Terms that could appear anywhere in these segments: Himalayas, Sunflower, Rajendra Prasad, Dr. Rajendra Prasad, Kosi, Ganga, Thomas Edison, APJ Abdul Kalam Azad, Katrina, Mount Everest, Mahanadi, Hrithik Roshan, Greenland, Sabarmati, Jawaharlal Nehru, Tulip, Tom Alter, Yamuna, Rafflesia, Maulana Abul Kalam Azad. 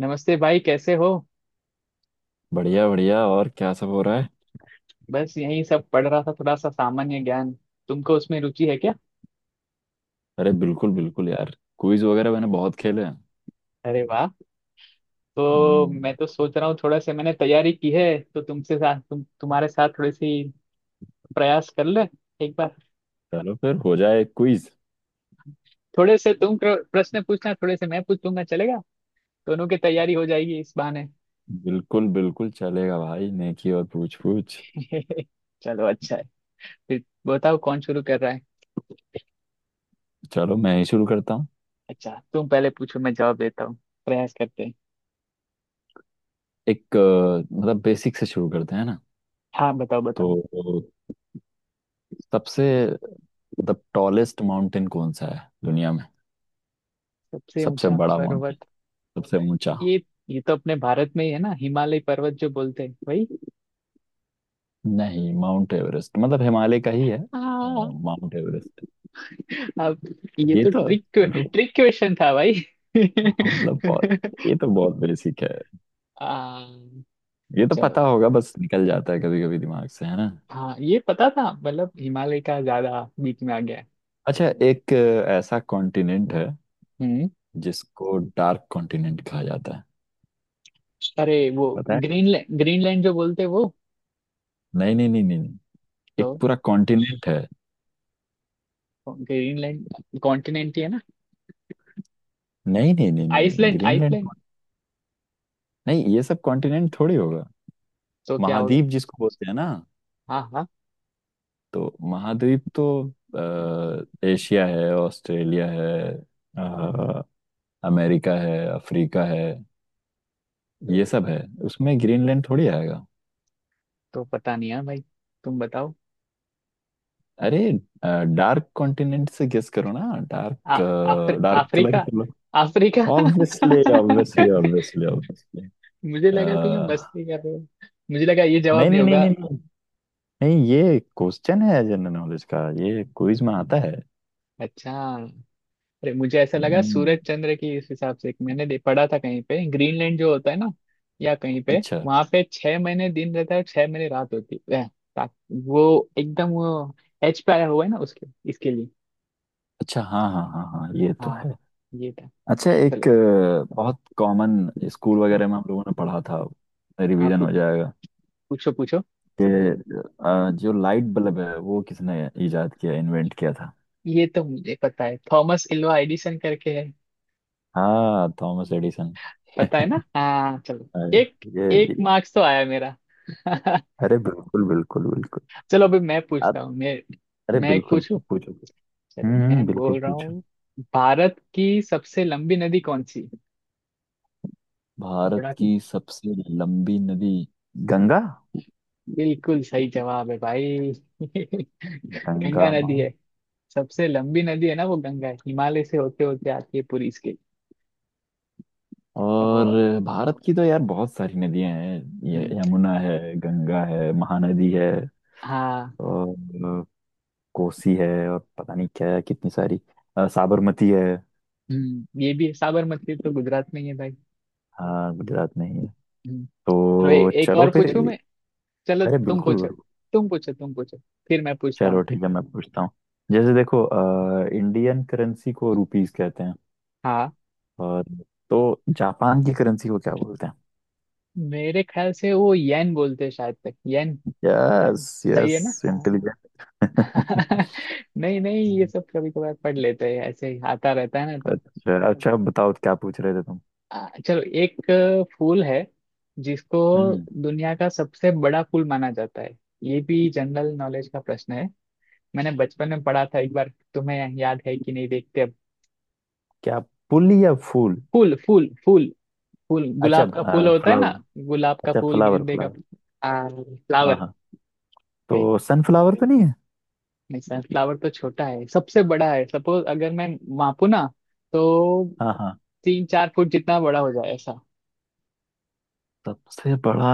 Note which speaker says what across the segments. Speaker 1: नमस्ते भाई, कैसे हो?
Speaker 2: बढ़िया बढ़िया, और क्या सब हो रहा है?
Speaker 1: बस यही सब पढ़ रहा था, थोड़ा सा सामान्य ज्ञान। तुमको उसमें रुचि है क्या?
Speaker 2: अरे बिल्कुल बिल्कुल यार। क्विज वगैरह मैंने बहुत खेले हैं।
Speaker 1: अरे वाह। तो मैं
Speaker 2: हम्म।
Speaker 1: तो सोच रहा हूँ, थोड़ा सा मैंने तैयारी की है। तो तुमसे साथ तुम्हारे साथ थोड़ी सी प्रयास कर ले, एक बार।
Speaker 2: चलो फिर हो जाए क्विज।
Speaker 1: थोड़े से तुम प्रश्न पूछना, थोड़े से मैं पूछ लूंगा, चलेगा? दोनों की तैयारी हो जाएगी इस बहाने।
Speaker 2: बिल्कुल बिल्कुल चलेगा भाई, नेकी और पूछ पूछ।
Speaker 1: चलो, अच्छा है। फिर बताओ, कौन शुरू कर रहा है?
Speaker 2: चलो, मैं ही शुरू करता हूँ।
Speaker 1: अच्छा, तुम पहले पूछो, मैं जवाब देता हूँ। प्रयास करते हैं।
Speaker 2: एक मतलब बेसिक से शुरू करते हैं ना।
Speaker 1: हाँ, बताओ बताओ।
Speaker 2: तो सबसे, मतलब, टॉलेस्ट माउंटेन कौन सा है दुनिया में?
Speaker 1: सबसे
Speaker 2: सबसे
Speaker 1: ऊंचा
Speaker 2: बड़ा माउंटेन,
Speaker 1: पर्वत।
Speaker 2: सबसे ऊंचा।
Speaker 1: ये ये तो अपने भारत में ही है ना, हिमालय पर्वत जो बोलते हैं भाई।
Speaker 2: नहीं, माउंट एवरेस्ट मतलब हिमालय का ही है।
Speaker 1: हाँ।
Speaker 2: Mount Everest.
Speaker 1: अब ये
Speaker 2: ये
Speaker 1: तो
Speaker 2: तो
Speaker 1: ट्रिक
Speaker 2: ये तो
Speaker 1: ट्रिक क्वेश्चन था भाई।
Speaker 2: हाँ, मतलब बहुत। ये तो बहुत बेसिक है।
Speaker 1: आ,
Speaker 2: ये तो पता
Speaker 1: चलो।
Speaker 2: होगा, बस निकल जाता है कभी कभी दिमाग से, है ना।
Speaker 1: हाँ, ये पता था, मतलब हिमालय का ज्यादा बीच में आ गया है।
Speaker 2: अच्छा, एक ऐसा कॉन्टिनेंट है
Speaker 1: हम्म।
Speaker 2: जिसको डार्क कॉन्टिनेंट कहा जाता है।
Speaker 1: अरे वो,
Speaker 2: पता है?
Speaker 1: ग्रीनलैंड ग्रीनलैंड जो बोलते हैं वो।
Speaker 2: नहीं, नहीं, नहीं, नहीं, नहीं।
Speaker 1: तो
Speaker 2: एक पूरा कॉन्टिनेंट है।
Speaker 1: ग्रीनलैंड कॉन्टिनेंट ही है ना?
Speaker 2: नहीं, नहीं, नहीं, नहीं, नहीं,
Speaker 1: आइसलैंड
Speaker 2: ग्रीनलैंड
Speaker 1: आइसलैंड।
Speaker 2: कौन- नहीं, ये सब कॉन्टिनेंट थोड़ी होगा।
Speaker 1: तो क्या होगा?
Speaker 2: महाद्वीप जिसको बोलते हैं ना।
Speaker 1: हाँ हाँ।
Speaker 2: तो महाद्वीप तो एशिया है, ऑस्ट्रेलिया है, अ, अमेरिका है, अफ्रीका है।
Speaker 1: तो,
Speaker 2: ये सब है, उसमें ग्रीनलैंड थोड़ी आएगा।
Speaker 1: तो पता नहीं है भाई। तुम बताओ।
Speaker 2: अरे, डार्क कॉन्टिनेंट से गेस करो ना।
Speaker 1: आ,
Speaker 2: डार्क। डार्क कलर ही
Speaker 1: अफ्रीका।
Speaker 2: कर लो।
Speaker 1: Africa.
Speaker 2: Obviously, obviously, obviously, obviously.
Speaker 1: मुझे लगा तुम यहाँ मस्ती कर रहे हो। मुझे लगा ये जवाब
Speaker 2: नहीं,
Speaker 1: नहीं
Speaker 2: नहीं, नहीं,
Speaker 1: होगा।
Speaker 2: नहीं, नहीं। नहीं, ये क्वेश्चन है जनरल नॉलेज का, ये क्विज में आता है।
Speaker 1: अच्छा। अरे, मुझे ऐसा लगा
Speaker 2: हम्म,
Speaker 1: सूरज चंद्र की इस हिसाब से मैंने पढ़ा था कहीं पे, ग्रीनलैंड जो होता है ना, या कहीं पे,
Speaker 2: अच्छा।
Speaker 1: वहां पे 6 महीने दिन रहता है और 6 महीने रात होती है। ता- वो एकदम वो एच पे आया हुआ है ना उसके इसके लिए।
Speaker 2: अच्छा, हाँ, हाँ, हाँ, हाँ, ये तो
Speaker 1: हाँ,
Speaker 2: है।
Speaker 1: ये था।
Speaker 2: अच्छा,
Speaker 1: चलो।
Speaker 2: एक बहुत कॉमन। स्कूल वगैरह में हम लोगों ने पढ़ा था।
Speaker 1: आप
Speaker 2: रिवीजन हो जाएगा।
Speaker 1: पूछो पूछो।
Speaker 2: कि जो लाइट बल्ब है, वो किसने इजाद किया, इन्वेंट किया था?
Speaker 1: ये तो मुझे पता है, थॉमस एल्वा एडिसन करके।
Speaker 2: हाँ, थॉमस एडिसन।
Speaker 1: पता है ना, हाँ, चलो।
Speaker 2: अरे,
Speaker 1: एक
Speaker 2: ये,
Speaker 1: एक
Speaker 2: ये
Speaker 1: मार्क्स तो आया मेरा।
Speaker 2: अरे बिल्कुल, बिल्कुल, बिल्कुल।
Speaker 1: चलो, अभी मैं
Speaker 2: आप।
Speaker 1: पूछता हूँ मैं।
Speaker 2: अरे
Speaker 1: मैं एक
Speaker 2: बिल्कुल,
Speaker 1: पूछूं।
Speaker 2: पूछो।
Speaker 1: चलो, मैं
Speaker 2: बिल्कुल
Speaker 1: बोल रहा
Speaker 2: पूछो।
Speaker 1: हूँ। भारत की सबसे लंबी नदी कौन सी?
Speaker 2: भारत
Speaker 1: थोड़ा।
Speaker 2: की सबसे लंबी नदी? गंगा।
Speaker 1: बिल्कुल सही जवाब है भाई। गंगा
Speaker 2: गंगा माँ।
Speaker 1: नदी है। सबसे लंबी नदी है ना, वो गंगा है, हिमालय से होते होते आती है पूरी इसके। और।
Speaker 2: और भारत की तो यार बहुत सारी नदियां हैं। ये
Speaker 1: हम्म,
Speaker 2: यमुना है, गंगा है, महानदी है।
Speaker 1: हाँ।
Speaker 2: और कोसी है, और पता नहीं क्या है, कितनी सारी। साबरमती है।
Speaker 1: ये भी है, साबरमती तो गुजरात में ही है भाई।
Speaker 2: हाँ, गुजरात में ही है।
Speaker 1: हम्म। चलो,
Speaker 2: तो
Speaker 1: एक
Speaker 2: चलो
Speaker 1: और
Speaker 2: फिर।
Speaker 1: पूछूं मैं। चलो
Speaker 2: अरे
Speaker 1: तुम
Speaker 2: बिल्कुल।
Speaker 1: पूछो, तुम पूछो तुम पूछो, फिर मैं पूछता हूँ।
Speaker 2: चलो ठीक है, मैं पूछता हूँ। जैसे देखो, इंडियन करेंसी को रुपीस कहते हैं।
Speaker 1: हाँ।
Speaker 2: और तो जापान की करेंसी को क्या बोलते हैं?
Speaker 1: मेरे ख्याल से वो येन बोलते हैं, शायद तक येन।
Speaker 2: यस,
Speaker 1: सही
Speaker 2: यस।
Speaker 1: है ना?
Speaker 2: इंटेलिजेंट।
Speaker 1: हाँ। नहीं नहीं, ये सब कभी कभार पढ़ लेते हैं, ऐसे ही आता रहता है ना तो।
Speaker 2: अच्छा अच्छा, अब बताओ क्या पूछ रहे थे तुम।
Speaker 1: चलो, एक फूल है, जिसको
Speaker 2: हम्म।
Speaker 1: दुनिया का सबसे बड़ा फूल माना जाता है। ये भी जनरल नॉलेज का प्रश्न है। मैंने बचपन में पढ़ा था एक बार। तुम्हें याद है कि नहीं, देखते अब।
Speaker 2: क्या, पुल या फूल?
Speaker 1: फूल फूल फूल। फूल
Speaker 2: अच्छा,
Speaker 1: गुलाब का फूल होता है
Speaker 2: फ्लावर।
Speaker 1: ना। गुलाब का
Speaker 2: अच्छा,
Speaker 1: फूल,
Speaker 2: फ्लावर।
Speaker 1: गेंदे का
Speaker 2: फ्लावर।
Speaker 1: फूल।
Speaker 2: हाँ,
Speaker 1: फ्लावर।
Speaker 2: हाँ। तो सनफ्लावर तो नहीं है?
Speaker 1: नहीं, सनफ्लावर तो छोटा है, सबसे बड़ा है, सपोज अगर मैं मापू ना, तो
Speaker 2: हाँ, हाँ।
Speaker 1: तीन चार फुट जितना बड़ा हो जाए ऐसा।
Speaker 2: सबसे बड़ा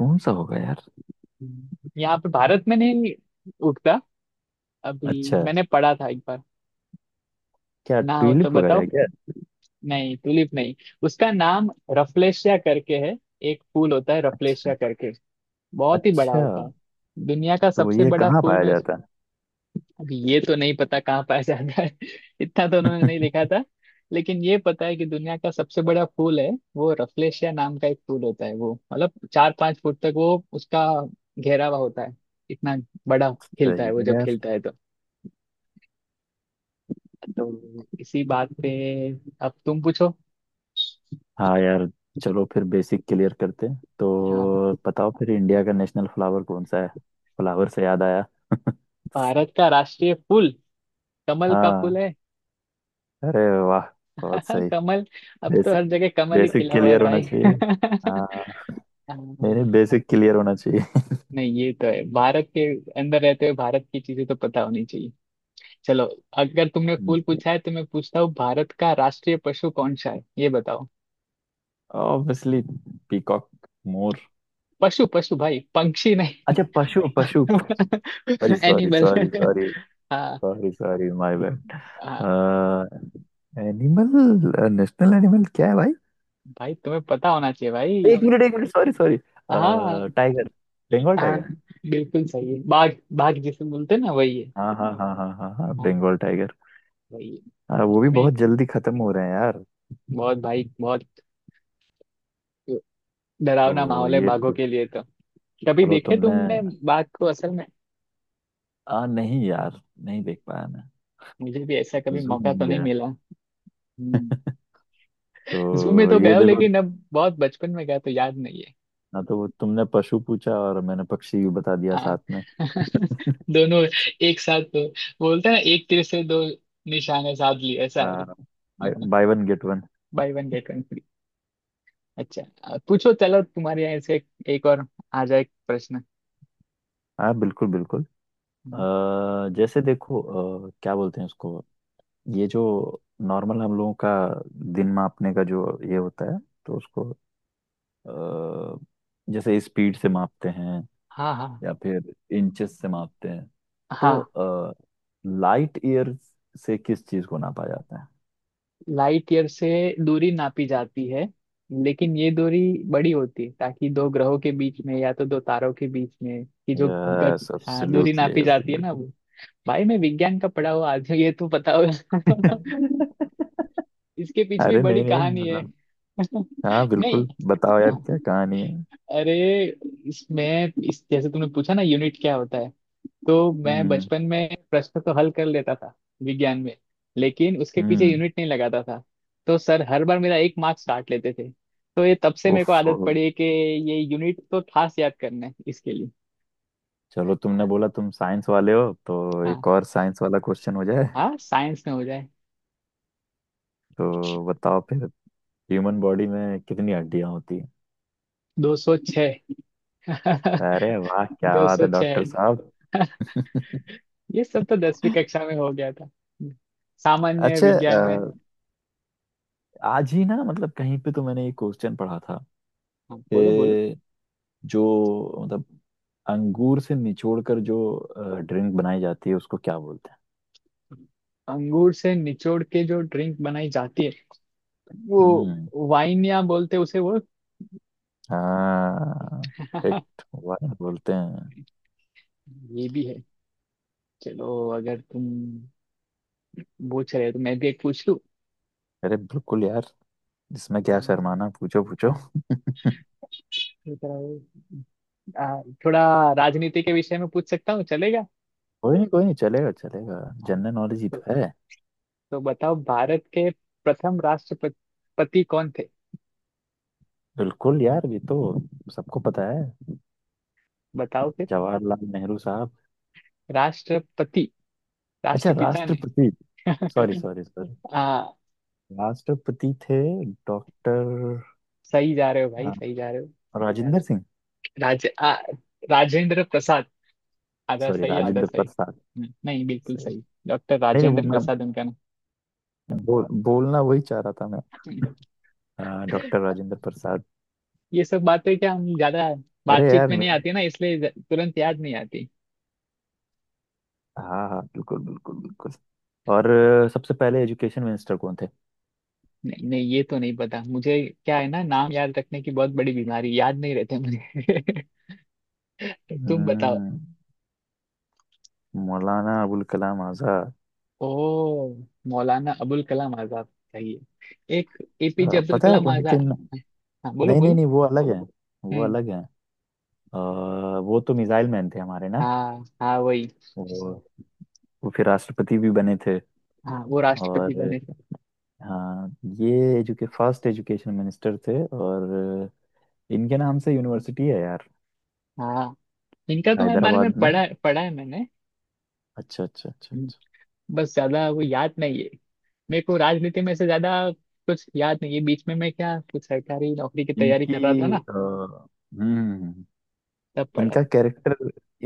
Speaker 2: कौन सा होगा यार?
Speaker 1: यहाँ पे भारत में नहीं उगता। अभी
Speaker 2: अच्छा,
Speaker 1: मैंने पढ़ा था एक बार।
Speaker 2: क्या
Speaker 1: ना हो तो
Speaker 2: ट्यूलिप वगैरह
Speaker 1: बताओ।
Speaker 2: है क्या?
Speaker 1: नहीं, ट्यूलिप नहीं। उसका नाम रफलेशिया करके है। एक फूल होता है रफलेशिया
Speaker 2: अच्छा,
Speaker 1: करके। बहुत ही बड़ा
Speaker 2: अच्छा।
Speaker 1: होता है। दुनिया का
Speaker 2: तो
Speaker 1: सबसे
Speaker 2: ये
Speaker 1: बड़ा
Speaker 2: कहाँ
Speaker 1: फूल
Speaker 2: पाया
Speaker 1: में।
Speaker 2: जाता है?
Speaker 1: अब ये तो नहीं पता कहाँ पाया जाता है। इतना तो उन्होंने नहीं लिखा था। लेकिन ये पता है कि दुनिया का सबसे बड़ा फूल है। वो रफलेशिया नाम का एक फूल होता है, वो मतलब चार पांच फुट तक वो उसका घेरावा होता है, इतना बड़ा। खिलता है
Speaker 2: सही
Speaker 1: वो,
Speaker 2: है
Speaker 1: जब
Speaker 2: यार।
Speaker 1: खिलता है तो। तो इसी बात पे, अब तुम पूछो।
Speaker 2: हाँ यार। चलो फिर बेसिक क्लियर करते हैं,
Speaker 1: हाँ।
Speaker 2: तो बताओ फिर इंडिया का नेशनल फ्लावर कौन सा है? फ्लावर से याद आया।
Speaker 1: भारत का राष्ट्रीय फूल, कमल का फूल
Speaker 2: हाँ।
Speaker 1: है।
Speaker 2: अरे वाह। बहुत सही।
Speaker 1: कमल। अब तो
Speaker 2: बेसिक
Speaker 1: हर जगह कमल ही
Speaker 2: बेसिक
Speaker 1: खिला हुआ है
Speaker 2: क्लियर होना
Speaker 1: भाई।
Speaker 2: चाहिए। हाँ। नहीं नहीं,
Speaker 1: हाँ।
Speaker 2: बेसिक क्लियर होना
Speaker 1: नहीं, ये तो है, भारत के अंदर रहते हुए भारत की चीजें तो पता होनी चाहिए। चलो, अगर तुमने फूल
Speaker 2: चाहिए।
Speaker 1: पूछा है तो मैं पूछता हूँ, भारत का राष्ट्रीय पशु कौन सा है ये बताओ।
Speaker 2: ऑब्वियसली। पीकॉक। मोर।
Speaker 1: पशु पशु भाई, पंक्षी नहीं।
Speaker 2: अच्छा, पशु, पशु। Sorry, sorry,
Speaker 1: animal.
Speaker 2: Sorry, sorry.
Speaker 1: हाँ
Speaker 2: सॉरी, सॉरी, माय बैड।
Speaker 1: हाँ।
Speaker 2: एनिमल। नेशनल एनिमल क्या है भाई?
Speaker 1: भाई तुम्हें पता होना चाहिए भाई।
Speaker 2: एक मिनट, एक मिनट, सॉरी, सॉरी।
Speaker 1: हाँ।
Speaker 2: टाइगर। बंगाल
Speaker 1: हाँ,
Speaker 2: टाइगर।
Speaker 1: बिल्कुल सही है, बाघ। बाघ जिसे बोलते हैं ना वही है।
Speaker 2: हाँ, हाँ, हाँ, हाँ, हाँ, हाँ,
Speaker 1: हाँ,
Speaker 2: बंगाल टाइगर।
Speaker 1: वही है।
Speaker 2: वो भी
Speaker 1: कभी।
Speaker 2: बहुत जल्दी खत्म हो रहे हैं यार।
Speaker 1: बहुत भाई, बहुत। डरावना
Speaker 2: तो
Speaker 1: माहौल है
Speaker 2: ये
Speaker 1: बाघों
Speaker 2: तो।
Speaker 1: के लिए तो। कभी
Speaker 2: चलो
Speaker 1: देखे
Speaker 2: तुमने।
Speaker 1: तुमने बाघ को असल में?
Speaker 2: आ नहीं यार, नहीं देख पाया मैं।
Speaker 1: मुझे भी ऐसा कभी
Speaker 2: जू
Speaker 1: मौका तो
Speaker 2: नहीं
Speaker 1: नहीं
Speaker 2: गया।
Speaker 1: मिला। हम्म। जू में
Speaker 2: तो
Speaker 1: तो
Speaker 2: ये
Speaker 1: गया हूँ,
Speaker 2: देखो।
Speaker 1: लेकिन अब बहुत बचपन में गया तो याद नहीं है।
Speaker 2: ना तो वो, तुमने पशु पूछा और मैंने पक्षी भी बता दिया
Speaker 1: हाँ।
Speaker 2: साथ में।
Speaker 1: दोनों एक साथ तो बोलते हैं ना, एक तीर से दो निशाने साध लिए ऐसा है।
Speaker 2: आ, bye one get one.
Speaker 1: Buy one get one free. अच्छा, पूछो, चलो तुम्हारे यहाँ से एक और आ जाए प्रश्न।
Speaker 2: हाँ बिल्कुल, बिल्कुल।
Speaker 1: हम्म,
Speaker 2: जैसे देखो। क्या बोलते हैं उसको? ये जो नॉर्मल हम लोगों का दिन मापने का जो ये होता है, तो उसको अ, जैसे स्पीड से मापते हैं।
Speaker 1: हाँ हाँ
Speaker 2: या फिर इंचेस से मापते हैं। तो
Speaker 1: हाँ।
Speaker 2: लाइट ईयर से किस चीज को नापा जाता है?
Speaker 1: लाइट ईयर से दूरी नापी जाती है, लेकिन ये दूरी बड़ी होती है, ताकि दो ग्रहों के बीच में या तो दो तारों के बीच में की जो गत।
Speaker 2: यस,
Speaker 1: हाँ, दूरी
Speaker 2: एब्सोल्युटली,
Speaker 1: नापी जाती है ना
Speaker 2: एब्सोल्युटली।
Speaker 1: वो। भाई मैं विज्ञान का पढ़ा हुआ, आज ये तो पता होगा। इसके पीछे भी
Speaker 2: अरे
Speaker 1: बड़ी
Speaker 2: नहीं नहीं,
Speaker 1: कहानी है।
Speaker 2: मतलब। हाँ
Speaker 1: नहीं।
Speaker 2: बिल्कुल, बताओ यार
Speaker 1: हाँ।
Speaker 2: क्या कहानी है।
Speaker 1: अरे, इसमें इस जैसे तुमने पूछा ना, यूनिट क्या होता है। तो मैं
Speaker 2: हम्म
Speaker 1: बचपन में प्रश्न तो हल कर लेता था, विज्ञान में, लेकिन उसके पीछे
Speaker 2: हम्म।
Speaker 1: यूनिट नहीं लगाता था। तो सर हर बार मेरा एक मार्क्स काट लेते थे। तो ये तब से मेरे
Speaker 2: उफ।
Speaker 1: को आदत पड़ी है कि ये यूनिट तो खास याद करना है इसके लिए।
Speaker 2: चलो, तुमने बोला तुम साइंस वाले हो, तो
Speaker 1: हाँ।
Speaker 2: एक और साइंस वाला क्वेश्चन हो जाए।
Speaker 1: हाँ, साइंस में हो जाए।
Speaker 2: तो बताओ फिर। ह्यूमन बॉडी में कितनी हड्डियां होती?
Speaker 1: 206।
Speaker 2: अरे वाह, क्या
Speaker 1: दो
Speaker 2: बात
Speaker 1: सौ
Speaker 2: है डॉक्टर
Speaker 1: छः
Speaker 2: साहब।
Speaker 1: ये सब तो 10वीं कक्षा में हो गया था, सामान्य
Speaker 2: अच्छा,
Speaker 1: विज्ञान में।
Speaker 2: आज ही ना मतलब कहीं पे तो मैंने एक क्वेश्चन पढ़ा था।
Speaker 1: हाँ, बोलो बोलो।
Speaker 2: कि जो मतलब अंगूर से निचोड़ कर जो ड्रिंक बनाई जाती है उसको क्या बोलते हैं?
Speaker 1: अंगूर से निचोड़ के जो ड्रिंक बनाई जाती है,
Speaker 2: हम्म।
Speaker 1: वो वाइन या बोलते हैं उसे वो।
Speaker 2: हाँ, करेक्ट, वाह, बोलते हैं।
Speaker 1: ये भी है। चलो अगर तुम पूछ रहे हो तो मैं भी एक पूछ लूं।
Speaker 2: अरे बिल्कुल यार, इसमें क्या
Speaker 1: अम्म,
Speaker 2: शर्माना, पूछो पूछो।
Speaker 1: थोड़ा राजनीति के विषय में पूछ सकता हूँ, चलेगा?
Speaker 2: कोई नहीं, कोई नहीं, चलेगा, चलेगा। जनरल नॉलेज ही
Speaker 1: तो,
Speaker 2: तो है।
Speaker 1: तो बताओ, भारत के प्रथम राष्ट्रपति कौन थे?
Speaker 2: बिल्कुल यार, ये तो सबको पता है।
Speaker 1: बताओ फिर।
Speaker 2: जवाहरलाल नेहरू साहब।
Speaker 1: राष्ट्रपति,
Speaker 2: अच्छा,
Speaker 1: राष्ट्रपिता ने।
Speaker 2: राष्ट्रपति। Sorry, sorry, sorry.
Speaker 1: आ,
Speaker 2: राष्ट्रपति थे।
Speaker 1: सही जा रहे हो भाई, सही
Speaker 2: डॉक्टर
Speaker 1: जा रहे हो।
Speaker 2: राजेंद्र सिंह।
Speaker 1: राज आ, राजेंद्र। आधा
Speaker 2: सॉरी,
Speaker 1: सही, आधा
Speaker 2: राजेंद्र
Speaker 1: सही।
Speaker 2: प्रसाद।
Speaker 1: नहीं, बिल्कुल
Speaker 2: सही।
Speaker 1: सही, डॉक्टर
Speaker 2: नहीं नहीं, वो
Speaker 1: राजेंद्र
Speaker 2: मैं
Speaker 1: प्रसाद उनका
Speaker 2: बोलना वही चाह रहा था मैं।
Speaker 1: नाम।
Speaker 2: डॉक्टर राजेंद्र प्रसाद।
Speaker 1: ये सब बातें क्या, हम ज्यादा
Speaker 2: अरे यार
Speaker 1: बातचीत में नहीं
Speaker 2: मेरे।
Speaker 1: आती ना, इसलिए तुरंत याद नहीं आती।
Speaker 2: हाँ हाँ, बिल्कुल, बिल्कुल, बिल्कुल। और सबसे पहले एजुकेशन मिनिस्टर कौन थे?
Speaker 1: नहीं नहीं, ये तो नहीं पता मुझे। क्या है ना, नाम याद रखने की बहुत बड़ी बीमारी, याद नहीं रहते मुझे। तुम बताओ।
Speaker 2: हम्म, मौलाना अबुल कलाम आजाद।
Speaker 1: ओ, मौलाना अबुल कलाम आजाद। चाहिए। एक एपीजे अब्दुल
Speaker 2: पता है
Speaker 1: कलाम
Speaker 2: उनके
Speaker 1: आजाद।
Speaker 2: न...
Speaker 1: हाँ, बोलो
Speaker 2: नहीं नहीं
Speaker 1: बोलो।
Speaker 2: नहीं, वो अलग है। वो
Speaker 1: हम्म।
Speaker 2: अलग है। वो तो मिसाइल मैन थे हमारे ना।
Speaker 1: हाँ हाँ, वही।
Speaker 2: वो वो फिर राष्ट्रपति भी बने थे।
Speaker 1: हाँ, वो राष्ट्रपति
Speaker 2: और
Speaker 1: बने थे।
Speaker 2: हाँ, ये एजुके फर्स्ट एजुकेशन मिनिस्टर थे, और इनके नाम से यूनिवर्सिटी है यार।
Speaker 1: हाँ। इनका तो मैं बारे में
Speaker 2: हैदराबाद में।
Speaker 1: पढ़ा पढ़ा है मैंने।
Speaker 2: अच्छा, अच्छा, अच्छा,
Speaker 1: हम्म,
Speaker 2: अच्छा।
Speaker 1: बस ज्यादा वो याद नहीं है। मेरे को राजनीति में से ज्यादा कुछ याद नहीं है, बीच में मैं क्या, कुछ सरकारी नौकरी की तैयारी कर रहा था
Speaker 2: इनकी
Speaker 1: ना,
Speaker 2: अ, हम्म।
Speaker 1: तब पढ़ा
Speaker 2: इनका
Speaker 1: था।
Speaker 2: कैरेक्टर।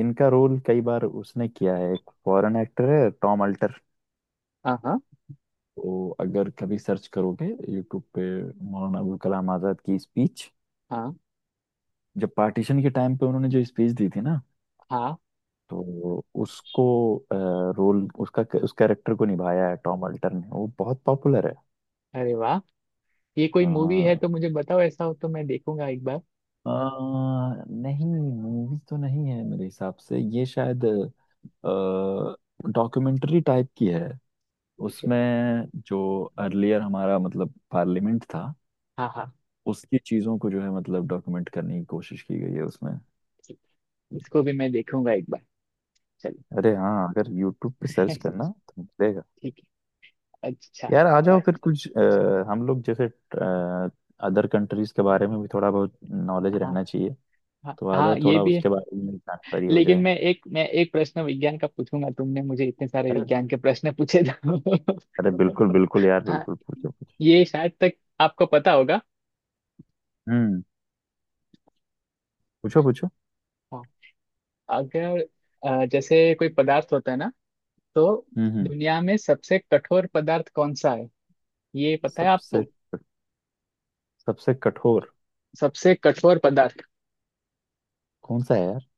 Speaker 2: इनका रोल कई बार उसने किया है, एक फॉरेन एक्टर है टॉम अल्टर।
Speaker 1: हाँ हाँ
Speaker 2: तो अगर कभी सर्च करोगे यूट्यूब पे मौलाना अबुल कलाम आज़ाद की स्पीच।
Speaker 1: हाँ
Speaker 2: जब पार्टीशन के टाइम पे उन्होंने जो स्पीच दी थी ना।
Speaker 1: हाँ।
Speaker 2: तो उसको, रोल उसका, उस कैरेक्टर को निभाया है टॉम अल्टर ने, वो बहुत पॉपुलर है।
Speaker 1: अरे वाह, ये कोई मूवी
Speaker 2: हाँ,
Speaker 1: है तो मुझे बताओ, ऐसा हो तो मैं देखूंगा एक बार।
Speaker 2: अ, नहीं, मूवी तो नहीं है मेरे हिसाब से, ये शायद डॉक्यूमेंट्री टाइप की है।
Speaker 1: ठीक है।
Speaker 2: उसमें जो अर्लियर हमारा मतलब पार्लियामेंट था।
Speaker 1: हाँ हाँ।
Speaker 2: उसकी चीज़ों को जो है मतलब डॉक्यूमेंट करने की कोशिश की गई है उसमें।
Speaker 1: ठीक। इसको भी मैं देखूंगा एक बार। चलो।
Speaker 2: अरे हाँ, अगर यूट्यूब पे सर्च करना तो मिलेगा।
Speaker 1: ठीक है, अच्छा
Speaker 2: यार आ जाओ फिर
Speaker 1: अ-
Speaker 2: कुछ, हम लोग जैसे अदर कंट्रीज के बारे में भी थोड़ा बहुत नॉलेज
Speaker 1: हाँ
Speaker 2: रहना चाहिए।
Speaker 1: हाँ
Speaker 2: तो आ
Speaker 1: हाँ,
Speaker 2: जाओ
Speaker 1: ये
Speaker 2: थोड़ा
Speaker 1: भी है।
Speaker 2: उसके बारे में जानकारी हो
Speaker 1: लेकिन
Speaker 2: जाए।
Speaker 1: मैं एक प्रश्न विज्ञान का पूछूंगा, तुमने मुझे इतने सारे
Speaker 2: अरे,
Speaker 1: विज्ञान के प्रश्न पूछे तो।
Speaker 2: अरे बिल्कुल बिल्कुल यार,
Speaker 1: हाँ,
Speaker 2: बिल्कुल पूछो पूछो।
Speaker 1: ये शायद तक आपको पता होगा।
Speaker 2: हम्म, पूछो पूछो।
Speaker 1: हाँ, अगर जैसे कोई पदार्थ होता है ना, तो
Speaker 2: हम्म।
Speaker 1: दुनिया में सबसे कठोर पदार्थ कौन सा है, ये पता है
Speaker 2: सबसे
Speaker 1: आपको?
Speaker 2: सबसे कठोर
Speaker 1: सबसे कठोर पदार्थ।
Speaker 2: कौन सा है यार?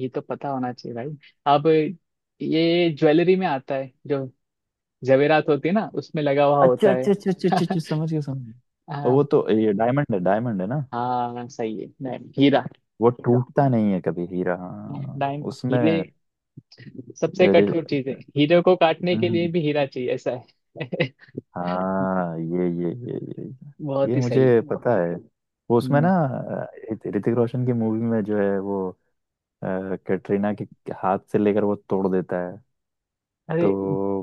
Speaker 1: ये तो पता होना चाहिए भाई। अब ये ज्वेलरी में आता है जो जवेरात होती है ना, उसमें लगा हुआ
Speaker 2: अच्छा,
Speaker 1: होता है।
Speaker 2: अच्छा, अच्छा, अच्छा, अच्छा, अच्छा, समझ गया, समझ गया। और
Speaker 1: हाँ।
Speaker 2: वो तो ये डायमंड है, डायमंड है ना।
Speaker 1: हाँ, सही है, नहीं, हीरा।
Speaker 2: वो टूटता नहीं है कभी, हीरा, हाँ,
Speaker 1: डायम हीरे
Speaker 2: उसमें।
Speaker 1: सबसे
Speaker 2: अरे,
Speaker 1: कठोर चीज है, हीरे को काटने
Speaker 2: हम्म,
Speaker 1: के लिए
Speaker 2: हम्म।
Speaker 1: भी हीरा चाहिए ऐसा है।
Speaker 2: हाँ ये ये ये ये
Speaker 1: बहुत
Speaker 2: ये
Speaker 1: ही सही।
Speaker 2: मुझे पता है। वो उसमें
Speaker 1: हम्म।
Speaker 2: ना, ऋतिक रोशन की मूवी में जो है वो, अ, कैटरीना के हाथ से लेकर वो तोड़ देता है। तो
Speaker 1: अरे,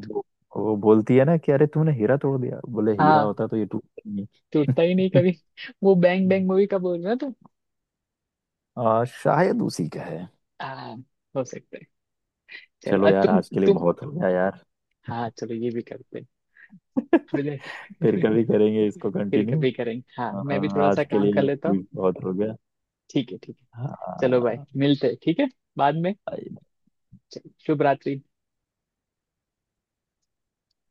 Speaker 2: वो, वो बोलती है ना कि अरे तूने हीरा तोड़ दिया, बोले हीरा
Speaker 1: हाँ,
Speaker 2: होता तो ये टूटता ही नहीं।
Speaker 1: टूटता ही नहीं कभी। वो बैंग बैंग मूवी का बोल रहे हो तुम?
Speaker 2: शायद उसी का है।
Speaker 1: हाँ, हो सकता है। चलो,
Speaker 2: चलो यार,
Speaker 1: तुम
Speaker 2: आज के लिए
Speaker 1: तुम
Speaker 2: बहुत हो गया यार।
Speaker 1: हाँ, चलो, ये भी करते हैं मुझे।
Speaker 2: फिर कभी करेंगे इसको
Speaker 1: फिर
Speaker 2: कंटिन्यू।
Speaker 1: कभी करेंगे, हाँ, मैं भी थोड़ा सा
Speaker 2: आज के
Speaker 1: काम
Speaker 2: लिए
Speaker 1: कर
Speaker 2: ये
Speaker 1: लेता हूँ।
Speaker 2: क्विज बहुत हो गया।
Speaker 1: ठीक है, ठीक है। चलो भाई,
Speaker 2: हाँ।
Speaker 1: मिलते हैं, ठीक है, बाद में। चलो, शुभ रात्रि।